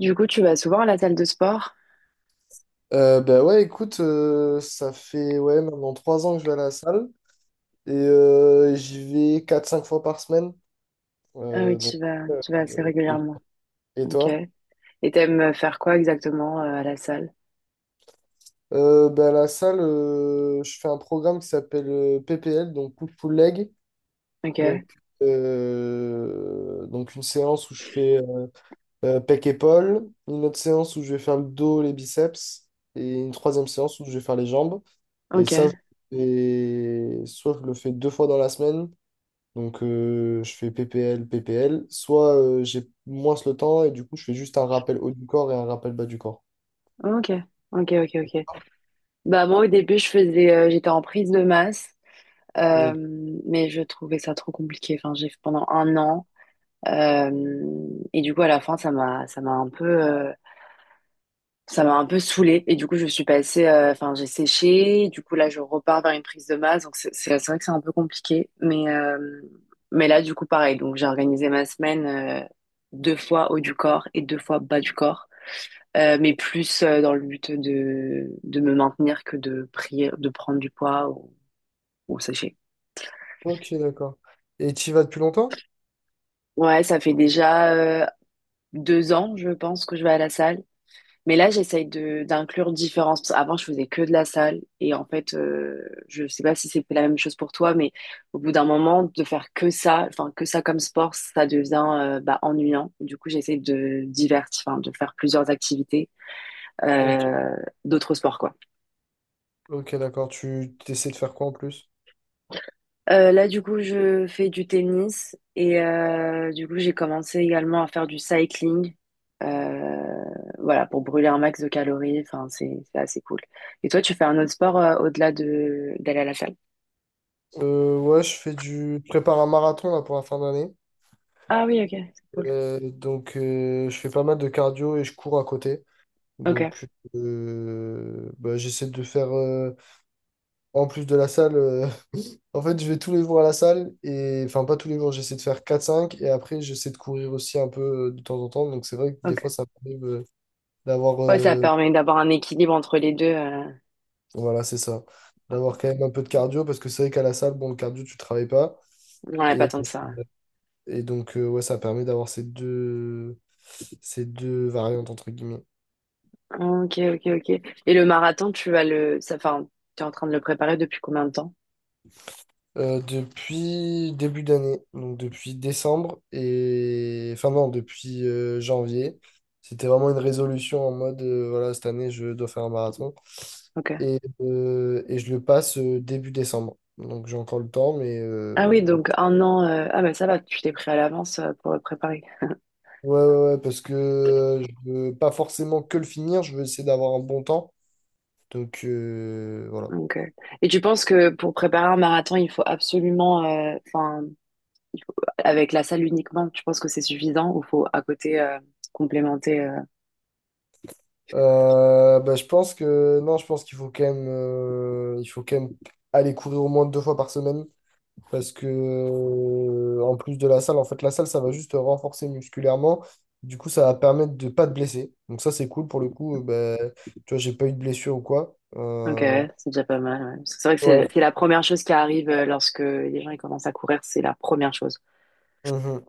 Du coup, tu vas souvent à la salle de sport? Bah ouais, écoute, ça fait ouais, maintenant 3 ans que je vais à la salle et j'y vais quatre, cinq fois par semaine. Ah oui, Donc, euh, tu vas assez régulièrement. et Ok. toi? Et t'aimes faire quoi exactement à la salle? Bah, à la salle, je fais un programme qui s'appelle PPL, donc Push Pull Leg. Donc, Ok. donc une séance où je fais pec épaule, une autre séance où je vais faire le dos, les biceps et une troisième séance où je vais faire les jambes. Et ça, Ok. je le soit je le fais 2 fois dans la semaine. Donc, je fais PPL, PPL. Soit j'ai moins le temps et du coup, je fais juste un rappel haut du corps et un rappel bas du corps. Ok. Ok. Ok. Ok. Bah moi, au début, je faisais, j'étais en prise de masse, euh, Donc, mais je trouvais ça trop compliqué. Enfin, j'ai fait pendant 1 an, et du coup, à la fin, ça m'a un peu, ça m'a un peu saoulée et du coup je suis passée, enfin j'ai séché, du coup là je repars vers une prise de masse, donc c'est vrai que c'est un peu compliqué, mais là du coup pareil, donc j'ai organisé ma semaine deux fois haut du corps et deux fois bas du corps, mais plus dans le but de me maintenir que de prier, de prendre du poids ou sécher. ok, d'accord. Et tu y vas depuis longtemps? Ouais, ça fait déjà 2 ans je pense que je vais à la salle. Mais là, j'essaye de d'inclure différents, parce que avant, je faisais que de la salle. Et en fait, je sais pas si c'était la même chose pour toi, mais au bout d'un moment, de faire que ça, enfin, que ça comme sport, ça devient bah, ennuyant. Du coup, j'essaie de divertir, enfin, de faire plusieurs activités, Ok. euh, d'autres sports, quoi. Ok, d'accord. Tu essaies de faire quoi en plus? Là, du coup, je fais du tennis et du coup, j'ai commencé également à faire du cycling. Euh, voilà, pour brûler un max de calories. Enfin, c'est assez cool. Et toi, tu fais un autre sport au-delà de d'aller à la salle? Ouais, Je prépare un marathon là, pour la fin d'année. Ah oui, ok, c'est cool. Donc, je fais pas mal de cardio et je cours à côté. Ok, Donc, bah, j'essaie de faire, en plus de la salle, en fait, je vais tous les jours à la salle et enfin pas tous les jours, j'essaie de faire quatre, cinq et après j'essaie de courir aussi un peu de temps en temps. Donc c'est vrai que des ok. fois ça m'arrive d'avoir Ouais, ça permet d'avoir un équilibre entre les deux. Voilà, c'est ça. D'avoir quand même un peu de cardio parce que c'est vrai qu'à la salle, bon, le cardio tu travailles pas On n'a pas et, tant de ça. et donc ouais, ça permet d'avoir ces deux variantes entre guillemets. Ok, ok, ok. Et le marathon, tu vas le, ça, enfin, tu es en train de le préparer depuis combien de temps? Depuis début d'année, donc depuis décembre et enfin non, depuis janvier. C'était vraiment une résolution en mode voilà, cette année je dois faire un marathon Ok. et je le passe début décembre. Donc j'ai encore le temps, mais Ah oui, donc 1 an. Ah bah ça va, tu t'es pris à l'avance pour le préparer. ouais, ouais, ouais, parce que je veux pas forcément que le finir, je veux essayer d'avoir un bon temps. Donc voilà. Ok. Et tu penses que pour préparer un marathon, il faut absolument, enfin, il faut- avec la salle uniquement, tu penses que c'est suffisant ou faut à côté complémenter Bah, je pense que non, je pense qu'il faut quand même, il faut quand même aller courir au moins 2 fois par semaine. Parce que, en plus de la salle, en fait, la salle, ça va juste te renforcer musculairement. Du coup, ça va permettre de pas te blesser. Donc, ça, c'est cool pour le coup. Ben, tu vois, j'ai pas eu de blessure ou quoi. Ok, ouais, c'est déjà pas mal, ouais. Parce que c'est vrai que Ouais. c'est la première chose qui arrive lorsque les gens ils commencent à courir, c'est la première chose. Mhm.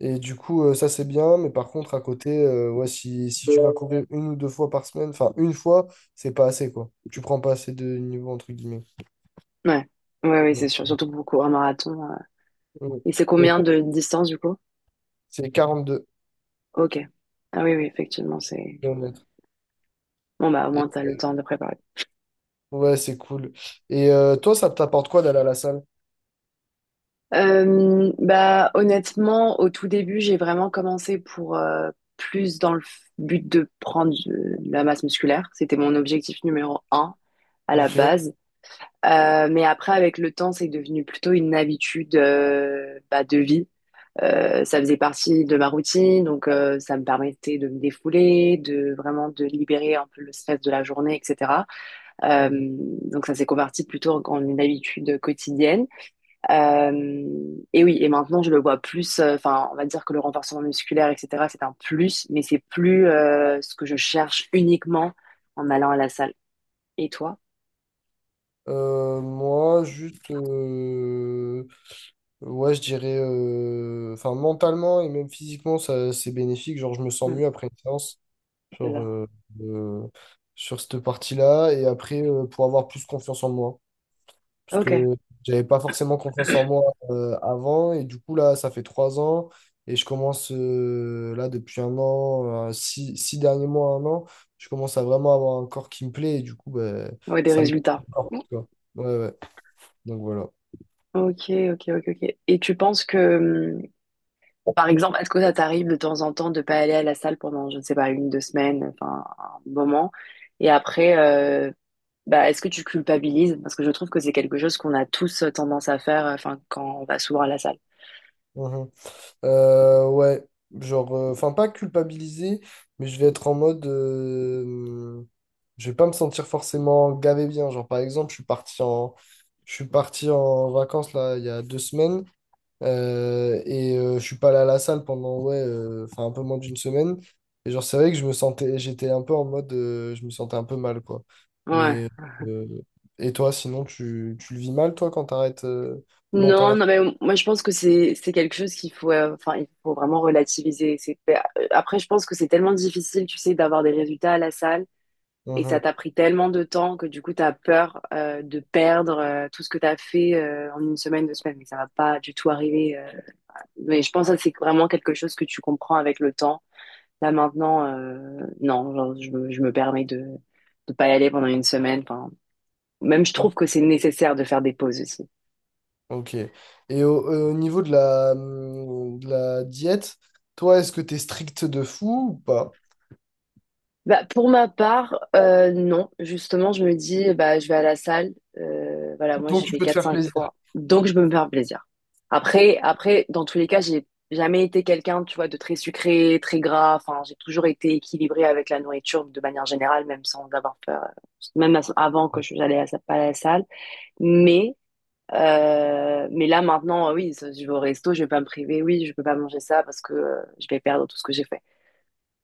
Et du coup, ça, c'est bien. Mais par contre, à côté, ouais, si tu vas courir une ou deux fois par semaine, enfin, une fois, c'est pas assez, quoi. Tu prends pas assez de niveau, entre guillemets. Ouais, ouais, oui, c'est Donc, sûr. Surtout pour courir un marathon. Ouais. Et c'est Et combien toi, de distance du coup? c'est 42 Ok. Ah oui, oui, effectivement, c'est km. bon. Bah au moins Et- t'as le temps de préparer. ouais, c'est cool. Et toi, ça t'apporte quoi d'aller à la salle? Bah, honnêtement, au tout début, j'ai vraiment commencé pour plus dans le but de prendre de la masse musculaire. C'était mon objectif numéro 1 à la Ok. base. Mais après, avec le temps, c'est devenu plutôt une habitude bah, de vie. Ça faisait partie de ma routine, donc ça me permettait de me défouler, de vraiment de libérer un peu le stress de la journée, etc. Donc ça s'est converti plutôt en une habitude quotidienne. Et oui, et maintenant je le vois plus, enfin on va dire que le renforcement musculaire, etc., c'est un plus, mais c'est plus ce que je cherche uniquement en allant à la salle. Et toi? Moi, juste, ouais, je dirais, enfin, mentalement et même physiquement, ça, c'est bénéfique. Genre, je me sens Hmm, mieux après une séance c'est sur, ça. euh, euh, sur cette partie-là. Et après, pour avoir plus confiance en moi. Parce Ok, que j'avais pas forcément confiance en moi avant. Et du coup, là, ça fait 3 ans. Et je commence, là, depuis un an, six derniers mois, un an, je commence à vraiment avoir un corps qui me plaît. Et du coup, ben, ouais, des ça me. résultats. Ouais, ouais. Donc voilà. Ok, ok, ok, ok. Et tu penses que, par exemple, est-ce que ça t'arrive de temps en temps de pas aller à la salle pendant, je ne sais pas, une, deux semaines, enfin un moment, et après, bah, est-ce que tu culpabilises? Parce que je trouve que c'est quelque chose qu'on a tous tendance à faire, enfin quand on va souvent à la salle. Mhm. Ouais, genre, enfin, pas culpabiliser, mais je vais être en mode. Je vais pas me sentir forcément gavé bien. Genre, par exemple, je suis parti en vacances là, il y a 2 semaines et je suis pas allé à la salle pendant, ouais, enfin, un peu moins d'une semaine. Et genre, c'est vrai que je me sentais, j'étais un peu en mode. Je me sentais un peu mal, quoi. Ouais. Mais. euh, et toi, sinon, tu le vis mal, toi, quand t'arrêtes longtemps Non, non, mais moi je pense que c'est quelque chose qu'il faut, enfin il faut vraiment relativiser. C'est, après je pense que c'est tellement difficile, tu sais, d'avoir des résultats à la salle et ça t'a pris tellement de temps que du coup t'as peur de perdre tout ce que t'as fait en 1 semaine, 2 semaines. Mais ça va pas du tout arriver. Mais je pense que ça, c'est vraiment quelque chose que tu comprends avec le temps. Là maintenant, non, genre, je me permets de pas y aller pendant 1 semaine. Enfin, même je là? trouve que c'est nécessaire de faire des pauses aussi. Ok. Et au niveau de la diète, toi, est-ce que t'es strict de fou ou pas? Bah, pour ma part, non. Justement, je me dis, bah, je vais à la salle. Voilà, moi, Donc j'y tu vais peux te quatre faire cinq plaisir. fois. Donc, je peux me faire plaisir. Après, dans tous les cas, j'ai jamais été quelqu'un, tu vois, de très sucré, très gras. Enfin, j'ai toujours été équilibrée avec la nourriture de manière générale, même sans avoir peur, même avant que j'allais pas à la salle. Mais, mais là, maintenant, oui, je vais au resto, je vais pas me priver. Oui, je peux pas manger ça parce que je vais perdre tout ce que j'ai fait.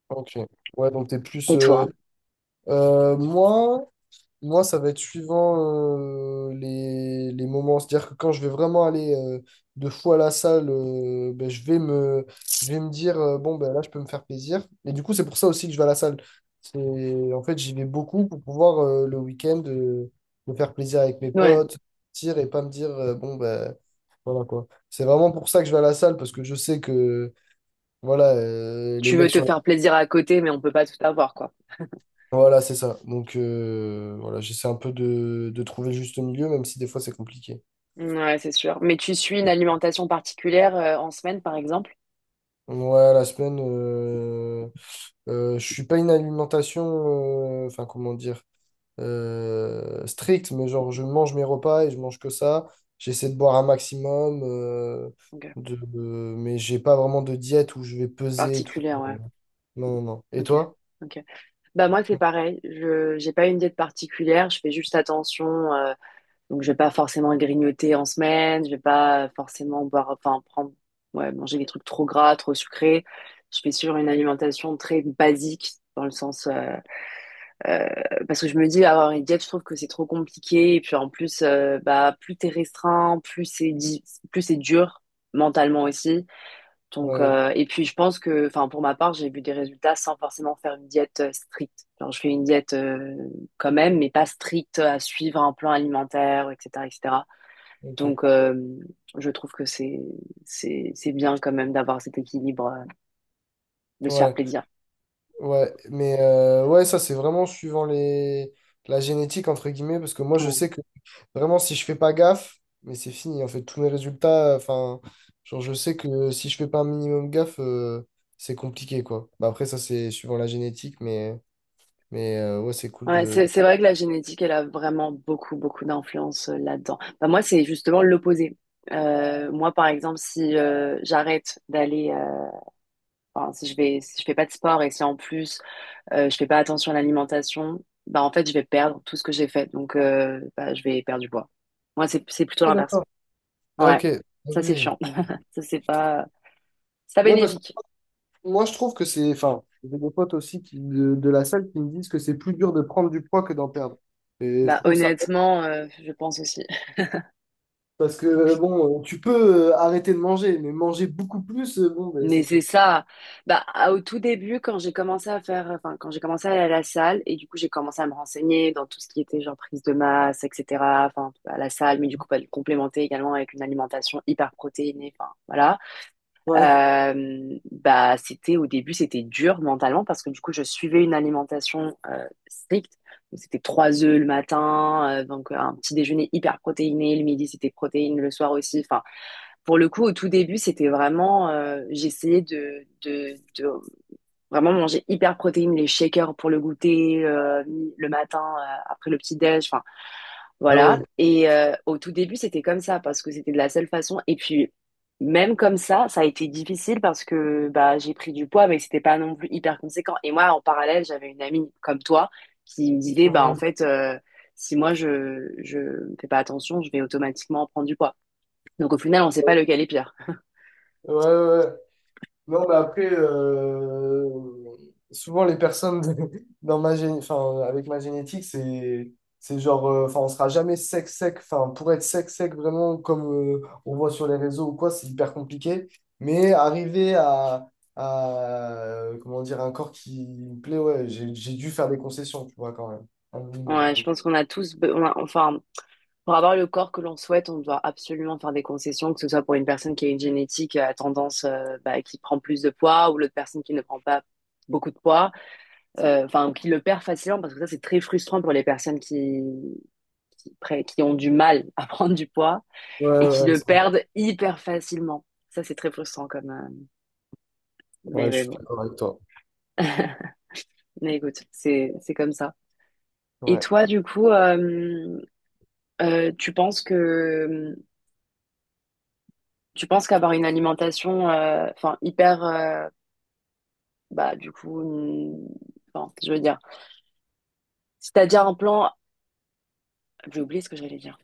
Ok. Ouais, donc t'es plus. Et toi? Euh, moi, Moi, ça va être suivant les moments. C'est-à-dire que quand je vais vraiment aller 2 fois à la salle, ben, je vais me dire, bon, ben, là, je peux me faire plaisir. Et du coup, c'est pour ça aussi que je vais à la salle. C'est, en fait, j'y vais beaucoup pour pouvoir le week-end me faire plaisir avec mes Hein. potes, sortir et pas me dire, bon, ben, voilà quoi. C'est vraiment pour ça que je vais à la salle parce que je sais que, voilà, les Tu mecs veux te sur faire plaisir à côté, mais on peut pas tout avoir, quoi. Voilà, c'est ça. Donc, voilà, j'essaie un peu de trouver le juste milieu, même si des fois c'est compliqué. Ouais, c'est sûr. Mais tu suis une alimentation particulière en semaine, par exemple? Ouais, la semaine, je suis pas une alimentation, enfin, comment dire, stricte, mais genre, je mange mes repas et je mange que ça. J'essaie de boire un maximum, Ok. Mais j'ai pas vraiment de diète où je vais peser et tout. Particulière, ouais. Non, non, non. Et Ok. toi? Ok. Bah moi c'est Ouais, pareil. Je j'ai pas une diète particulière. Je fais juste attention, donc je vais pas forcément grignoter en semaine. Je vais pas forcément boire, enfin prendre, ouais, manger des trucs trop gras, trop sucrés. Je fais sur une alimentation très basique dans le sens. Euh, Parce que je me dis, avoir une diète, je trouve que c'est trop compliqué. Et puis en plus, bah, plus t'es restreint, plus c'est dur mentalement aussi. Donc, ouais, et puis je pense que, enfin, pour ma part, j'ai vu des résultats sans forcément faire une diète stricte. Genre, je fais une diète quand même, mais pas stricte à suivre un plan alimentaire, etc., etc. ok. Donc, je trouve que c'est c'est bien quand même d'avoir cet équilibre, de se faire Ouais. plaisir. Ouais, mais ouais, ça c'est vraiment suivant les la génétique entre guillemets, parce que moi je Ouais. sais que vraiment si je fais pas gaffe, mais c'est fini, en fait, tous mes résultats, enfin, genre je sais que si je fais pas un minimum gaffe, c'est compliqué quoi. Bah, après ça c'est suivant la génétique, mais ouais c'est cool Ouais, de. C'est vrai que la génétique, elle a vraiment beaucoup, beaucoup d'influence là-dedans. Bah, moi, c'est justement l'opposé. Moi, par exemple, si j'arrête d'aller, enfin, si je vais, si je fais pas de sport et si en plus je fais pas attention à l'alimentation, bah en fait, je vais perdre tout ce que j'ai fait. Donc, bah, je vais perdre du poids. Moi, c'est plutôt Ok, l'inverse. d'accord. Ah Ouais, ok. Ah, ça c'est ouais. chiant. Ça c'est pas Ouais, parce que bénéfique. moi je trouve que c'est, enfin, j'ai des potes aussi qui, de la salle qui me disent que c'est plus dur de prendre du poids que d'en perdre. Et je Bah trouve ça. honnêtement, je pense aussi. Parce que, bon, tu peux arrêter de manger, mais manger beaucoup plus, bon, ben, Mais c'est quoi? c'est ça. Bah, au tout début, quand j'ai commencé à faire, enfin, quand j'ai commencé à aller à la salle, et du coup, j'ai commencé à me renseigner dans tout ce qui était genre prise de masse, etc. Enfin, à la salle, mais du coup, pas le complémenter également avec une alimentation hyper protéinée. Enfin, voilà. Ouais, Bah, c'était au début, c'était dur mentalement parce que du coup, je suivais une alimentation stricte. Donc, c'était 3 œufs le matin, donc un petit déjeuner hyper protéiné. Le midi, c'était protéines. Le soir aussi, enfin, pour le coup, au tout début, c'était vraiment, j'essayais de vraiment manger hyper protéines, les shakers pour le goûter le matin après le petit déj, enfin ah voilà. ouais. Et au tout début, c'était comme ça parce que c'était de la seule façon. Et puis même comme ça a été difficile parce que bah j'ai pris du poids, mais c'était pas non plus hyper conséquent. Et moi, en parallèle, j'avais une amie comme toi qui me disait bah en Mhm. fait, si moi je fais pas attention, je vais automatiquement prendre du poids. Donc au final, on sait pas lequel est pire. Ouais, ouais, ouais. Non, mais après, souvent les personnes dans ma enfin, avec ma génétique, c'est genre, enfin, on sera jamais sec, sec. Enfin, pour être sec, sec, vraiment, comme on voit sur les réseaux ou quoi, c'est hyper compliqué. Mais arriver à, comment dire, un corps qui me plaît, ouais, j'ai dû faire des concessions, tu vois, quand même. Un minimum. Ouais, je Donc, pense qu'on a enfin, pour avoir le corps que l'on souhaite, on doit absolument faire des concessions, que ce soit pour une personne qui a une génétique à tendance, bah, qui prend plus de poids, ou l'autre personne qui ne prend pas beaucoup de poids, enfin, ou qui le perd facilement, parce que ça, c'est très frustrant pour les personnes qui, qui ont du mal à prendre du poids ouais, et ouais, qui ouais, le c'est vrai. perdent hyper facilement. Ça, c'est très frustrant comme, Ouais, je mais suis bon. d'accord avec toi. Mais écoute, c'est comme ça. Et Ouais, toi, du coup, tu penses que tu penses qu'avoir une alimentation, enfin, hyper, bah, du coup, enfin, je veux dire, si t'as déjà un plan, j'ai oublié ce que j'allais dire.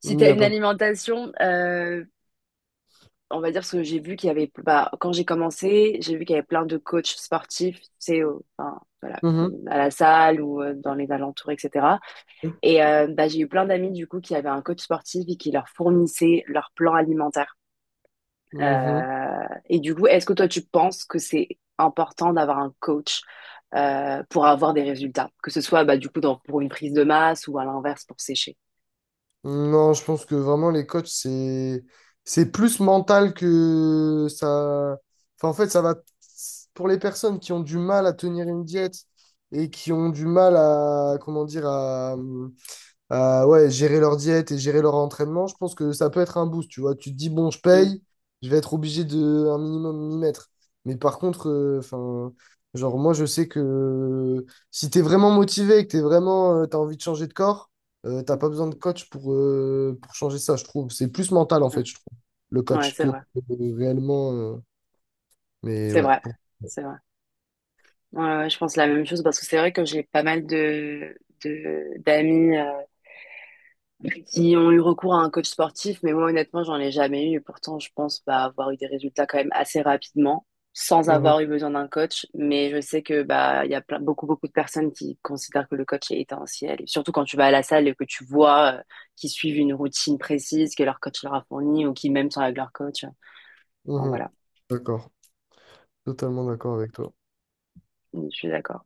Si il n'y t'as a une pas de. alimentation, on va dire ce que j'ai vu qu'il y avait, bah, quand j'ai commencé, j'ai vu qu'il y avait plein de coachs sportifs, tu sais, enfin, voilà, Mhm. à la salle ou dans les alentours, etc. Et bah, j'ai eu plein d'amis, du coup, qui avaient un coach sportif et qui leur fournissait leur plan alimentaire. Mhm. Et du coup, est-ce que toi, tu penses que c'est important d'avoir un coach pour avoir des résultats, que ce soit bah, du coup pour une prise de masse ou à l'inverse pour sécher? Non, je pense que vraiment les coachs, c'est plus mental que ça. Enfin, en fait, ça va pour les personnes qui ont du mal à tenir une diète et qui ont du mal à, comment dire, à, ouais, gérer leur diète et gérer leur entraînement, je pense que ça peut être un boost, tu vois. Tu te dis, bon, je Mm, paye, je vais être obligé de un minimum m'y mettre. Mais par contre, enfin, genre, moi, je sais que si t'es vraiment motivé et que t'es vraiment, t'as envie de changer de corps, t'as mm, pas besoin de coach pour changer ça, je trouve. C'est plus mental, en mm. fait, je trouve, le Ouais, coach, c'est que vrai, réellement. Mais c'est ouais. vrai, c'est vrai. Ouais, ouais, je pense la même chose parce que c'est vrai que j'ai pas mal d'amis qui ont eu recours à un coach sportif, mais moi honnêtement, j'en ai jamais eu. Et pourtant, je pense bah, avoir eu des résultats quand même assez rapidement, sans Mhm, avoir eu besoin d'un coach. Mais je sais que bah il y a plein, beaucoup beaucoup de personnes qui considèrent que le coach est essentiel. Et surtout quand tu vas à la salle et que tu vois qu'ils suivent une routine précise que leur coach leur a fournie ou qui même sont avec leur coach. Enfin, mhm. voilà, D'accord, totalement d'accord avec toi. je suis d'accord.